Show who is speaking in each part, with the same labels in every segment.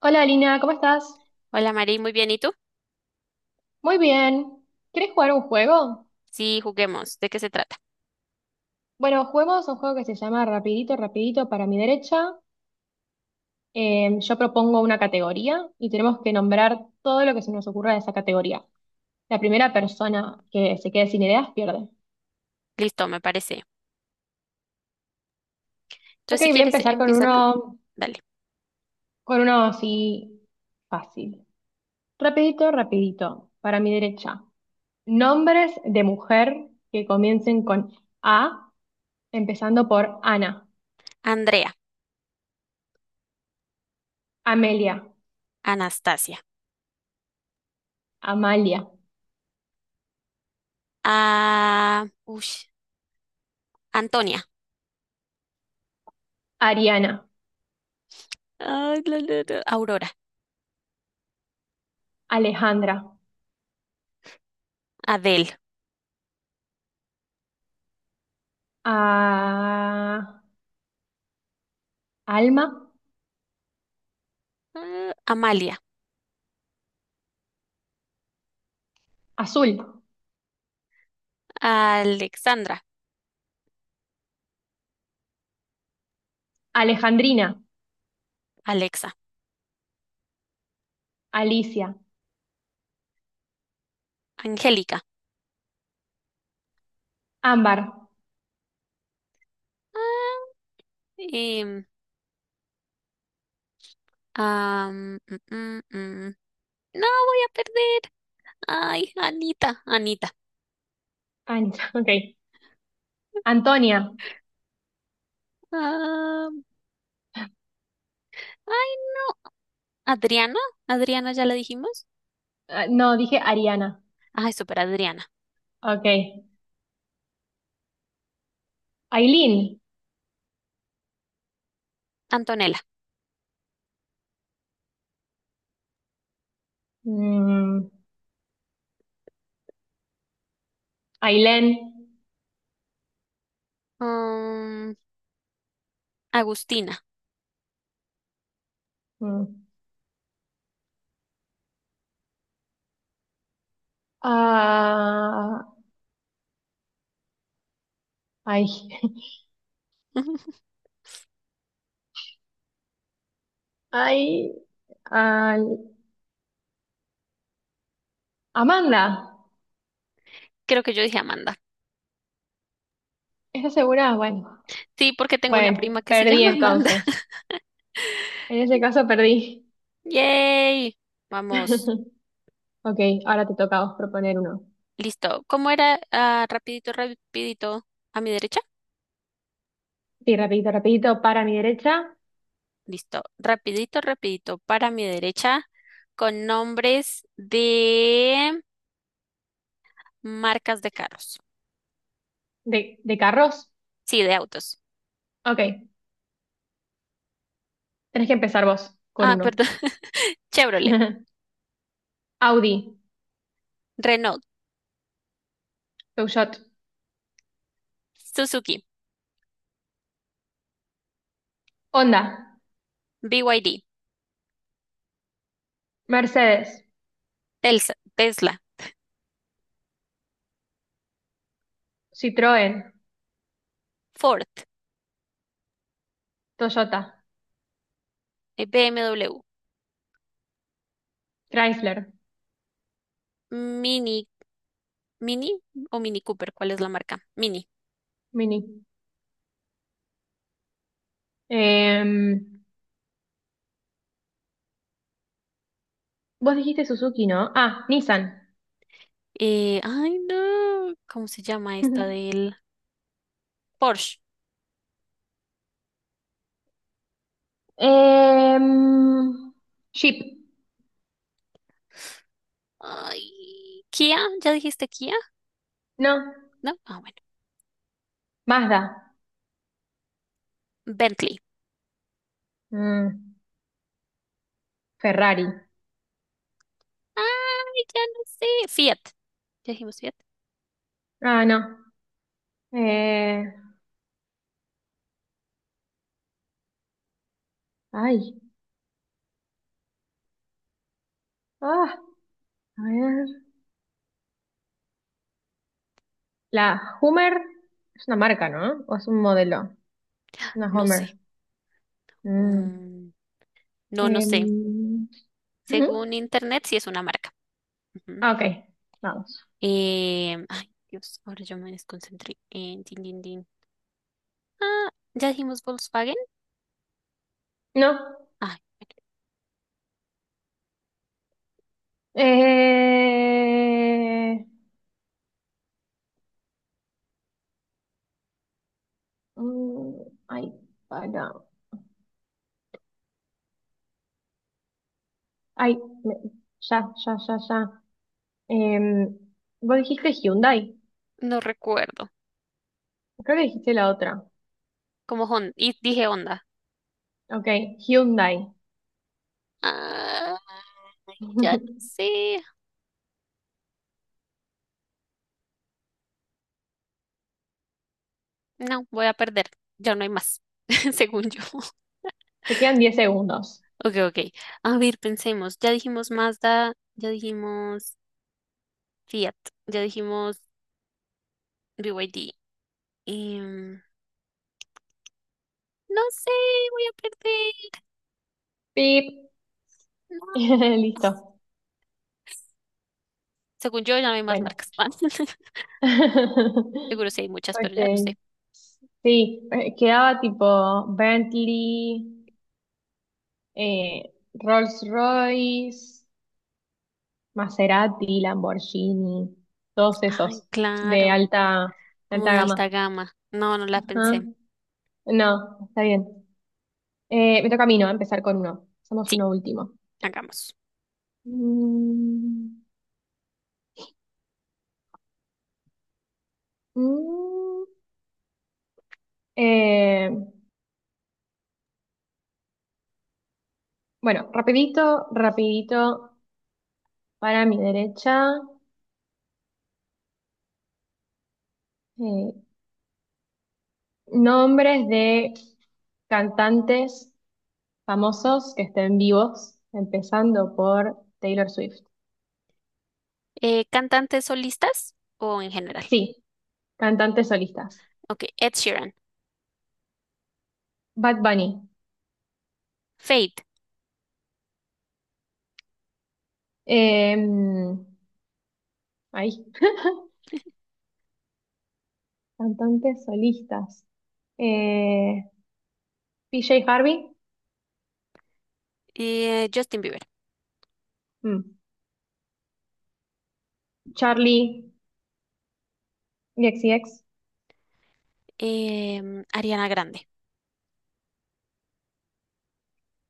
Speaker 1: Hola Lina, ¿cómo estás?
Speaker 2: Hola Mari, muy bien. ¿Y tú?
Speaker 1: Muy bien. ¿Quieres jugar un juego?
Speaker 2: Sí, juguemos. ¿De qué se trata?
Speaker 1: Bueno, juguemos un juego que se llama Rapidito, Rapidito para mi derecha. Yo propongo una categoría y tenemos que nombrar todo lo que se nos ocurra de esa categoría. La primera persona que se quede sin ideas pierde.
Speaker 2: Listo, me parece.
Speaker 1: Ok,
Speaker 2: Entonces, si
Speaker 1: voy a
Speaker 2: quieres,
Speaker 1: empezar
Speaker 2: empieza tú. Dale.
Speaker 1: con uno así fácil. Rapidito, rapidito, para mi derecha. Nombres de mujer que comiencen con A, empezando por Ana,
Speaker 2: Andrea,
Speaker 1: Amelia,
Speaker 2: Anastasia,
Speaker 1: Amalia.
Speaker 2: ush, Antonia,
Speaker 1: Ariana,
Speaker 2: ay, la, la, la, Aurora,
Speaker 1: Alejandra,
Speaker 2: Adel,
Speaker 1: a- Alma,
Speaker 2: Amalia,
Speaker 1: Azul,
Speaker 2: Alexandra,
Speaker 1: Alejandrina,
Speaker 2: Alexa,
Speaker 1: Alicia,
Speaker 2: Angélica.
Speaker 1: Ámbar,
Speaker 2: Ah, em, am, mm, mm, mm. No, voy a perder. Ay, Anita, Anita.
Speaker 1: Ancha, ok, Antonia,
Speaker 2: ah, ay, no. Adriana, Adriana, ya la dijimos.
Speaker 1: no, dije Ariana,
Speaker 2: Ay, súper Adriana.
Speaker 1: ok, Ailín,
Speaker 2: Antonella.
Speaker 1: mm, Ailén,
Speaker 2: Mm, Agustina.
Speaker 1: mm, ah, ay,
Speaker 2: Ujú.
Speaker 1: ay, al- Amanda,
Speaker 2: Creo que yo dije Amanda.
Speaker 1: ¿estás segura? Bueno,
Speaker 2: Sí, porque tengo una
Speaker 1: bueno,
Speaker 2: prima que se
Speaker 1: perdí
Speaker 2: llama Amanda.
Speaker 1: entonces, en ese caso perdí.
Speaker 2: ¡Yay! Vamos.
Speaker 1: Ok, ahora te toca a vos proponer uno.
Speaker 2: Listo. ¿Cómo era? Ah, rapidito, rapidito. ¿A mi derecha?
Speaker 1: Sí, rapidito, rapidito, para mi derecha,
Speaker 2: Listo. Rapidito, rapidito. Para mi derecha. Con nombres de marcas de carros.
Speaker 1: de carros.
Speaker 2: Sí, de autos.
Speaker 1: Ok, tenés que empezar vos con
Speaker 2: Ah,
Speaker 1: uno.
Speaker 2: perdón. Chevrolet,
Speaker 1: Audi,
Speaker 2: Renault,
Speaker 1: Peugeot,
Speaker 2: Suzuki,
Speaker 1: Honda,
Speaker 2: BYD,
Speaker 1: Mercedes,
Speaker 2: Telsa- Tesla,
Speaker 1: Citroën,
Speaker 2: Ford,
Speaker 1: Toyota,
Speaker 2: BMW,
Speaker 1: Chrysler,
Speaker 2: Mini Mini o Mini Cooper, ¿cuál es la marca? Mini.
Speaker 1: Mini. Em, vos dijiste Suzuki, ¿no? Ah, Nissan.
Speaker 2: Ay, no. ¿Cómo se llama esta del Porsche?
Speaker 1: Em, Jeep,
Speaker 2: Ay, Kia, ¿ya dijiste Kia?
Speaker 1: no.
Speaker 2: ¿No? Ah, bueno.
Speaker 1: Mazda,
Speaker 2: Bentley.
Speaker 1: Mm, Ferrari.
Speaker 2: Ay, ya no sé. Fiat. ¿Ya dijimos Fiat?
Speaker 1: Ah, no. Eh, ay, ah, a ver. La Hummer es una marca, ¿no? ¿O es un modelo? Una
Speaker 2: No
Speaker 1: Hummer.
Speaker 2: sé.
Speaker 1: Mm.
Speaker 2: Mm, no, no sé.
Speaker 1: Em, ujú.
Speaker 2: Según internet, sí es una marca. Ujú.
Speaker 1: Ah, ok, vamos.
Speaker 2: Ay, Dios, ahora yo me desconcentré. En din, din, din. Ah, ¿ya dijimos Volkswagen?
Speaker 1: No.
Speaker 2: Ay, bueno,
Speaker 1: Eh, mm, ay, para. Ay, me- ya, ya, ya, ya. Em, vos dijiste Hyundai.
Speaker 2: no recuerdo.
Speaker 1: Creo que dijiste la otra.
Speaker 2: Como Honda. Y dije Honda.
Speaker 1: Ok, Hyundai.
Speaker 2: Ay, ya no sé. No, voy a perder. Ya no hay más, según yo.
Speaker 1: Te quedan 10 segundos.
Speaker 2: Ok, ok. A ver, pensemos. Ya dijimos Mazda, ya dijimos Fiat, ya dijimos BYD. Em, no sé, voy a perder.
Speaker 1: Pip.
Speaker 2: No.
Speaker 1: Listo.
Speaker 2: Según yo, ya no hay más
Speaker 1: Bueno.
Speaker 2: marcas. Seguro sí hay muchas,
Speaker 1: Ok.
Speaker 2: pero ya no sé.
Speaker 1: Sí, quedaba tipo Bentley, Rolls-Royce, Maserati, Lamborghini, todos
Speaker 2: Ay,
Speaker 1: esos de
Speaker 2: claro,
Speaker 1: alta, de
Speaker 2: como
Speaker 1: alta
Speaker 2: de
Speaker 1: gama.
Speaker 2: alta gama. No, no la
Speaker 1: Ajá.
Speaker 2: pensé.
Speaker 1: No, está bien. Me toca a mí, ¿no? Empezar con uno. Somos
Speaker 2: Sí,
Speaker 1: uno último.
Speaker 2: hagamos.
Speaker 1: Mm, mm, eh, bueno, rapidito, rapidito, para mi derecha, eh, nombres de cantantes famosos que estén vivos, empezando por Taylor Swift.
Speaker 2: ¿Cantantes solistas o en general?
Speaker 1: Sí, cantantes solistas.
Speaker 2: Ok, Ed Sheeran,
Speaker 1: Bad Bunny.
Speaker 2: Fate,
Speaker 1: Em, ahí. Cantantes solistas. Eh, PJ Harvey.
Speaker 2: Justin Bieber,
Speaker 1: Mm. Charli XCX.
Speaker 2: Ariana Grande,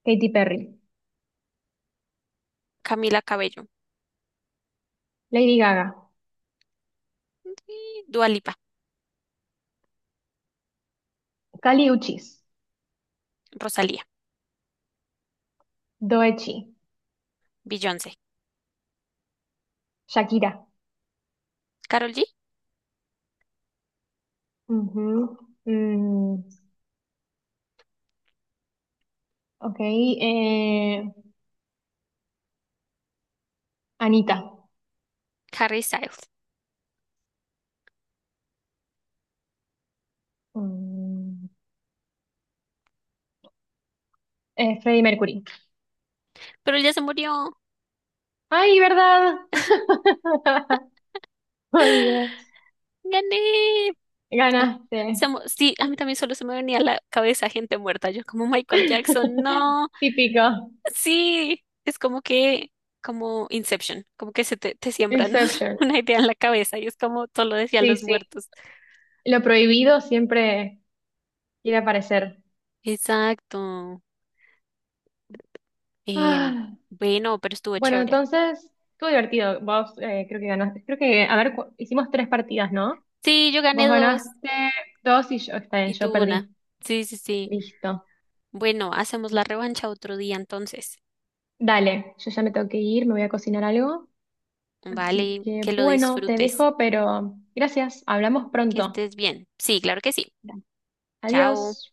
Speaker 1: Katy Perry.
Speaker 2: Camila Cabello,
Speaker 1: Lady Gaga.
Speaker 2: y Dua Lipa,
Speaker 1: Kali Uchis.
Speaker 2: Rosalía,
Speaker 1: Doechi.
Speaker 2: Beyoncé,
Speaker 1: Shakira.
Speaker 2: Karol G,
Speaker 1: Ujú. Mm, ok. Anita.
Speaker 2: Harry Styles.
Speaker 1: Mm, Freddie Mercury.
Speaker 2: Pero él ya se murió.
Speaker 1: Ay, ¿verdad? Olvidé.
Speaker 2: ¡Gané!
Speaker 1: Ganaste.
Speaker 2: Se mu- sí, a mí también solo se me venía a la cabeza gente muerta. Yo como Michael Jackson, no.
Speaker 1: Típico.
Speaker 2: Sí, es como que, como Inception, como que se te siembran
Speaker 1: Inception.
Speaker 2: una idea en la cabeza y es como todo lo decían
Speaker 1: Sí,
Speaker 2: los
Speaker 1: sí.
Speaker 2: muertos.
Speaker 1: Lo prohibido siempre quiere aparecer.
Speaker 2: Exacto. Em,
Speaker 1: Ah,
Speaker 2: bueno, pero estuvo
Speaker 1: bueno,
Speaker 2: chévere.
Speaker 1: entonces, estuvo divertido. Vos creo que ganaste. Creo que, a ver, hicimos 3 partidas, ¿no?
Speaker 2: Sí, yo
Speaker 1: Vos
Speaker 2: gané dos.
Speaker 1: ganaste 2 y yo, está bien,
Speaker 2: Y
Speaker 1: yo
Speaker 2: tú una.
Speaker 1: perdí.
Speaker 2: Sí, sí, sí.
Speaker 1: Listo.
Speaker 2: Bueno, hacemos la revancha otro día entonces.
Speaker 1: Dale, yo ya me tengo que ir, me voy a cocinar algo. Así
Speaker 2: Vale,
Speaker 1: que,
Speaker 2: que lo
Speaker 1: bueno, te
Speaker 2: disfrutes,
Speaker 1: dejo, pero gracias. Hablamos
Speaker 2: que
Speaker 1: pronto.
Speaker 2: estés bien. Sí, claro que sí. Chao.
Speaker 1: Adiós.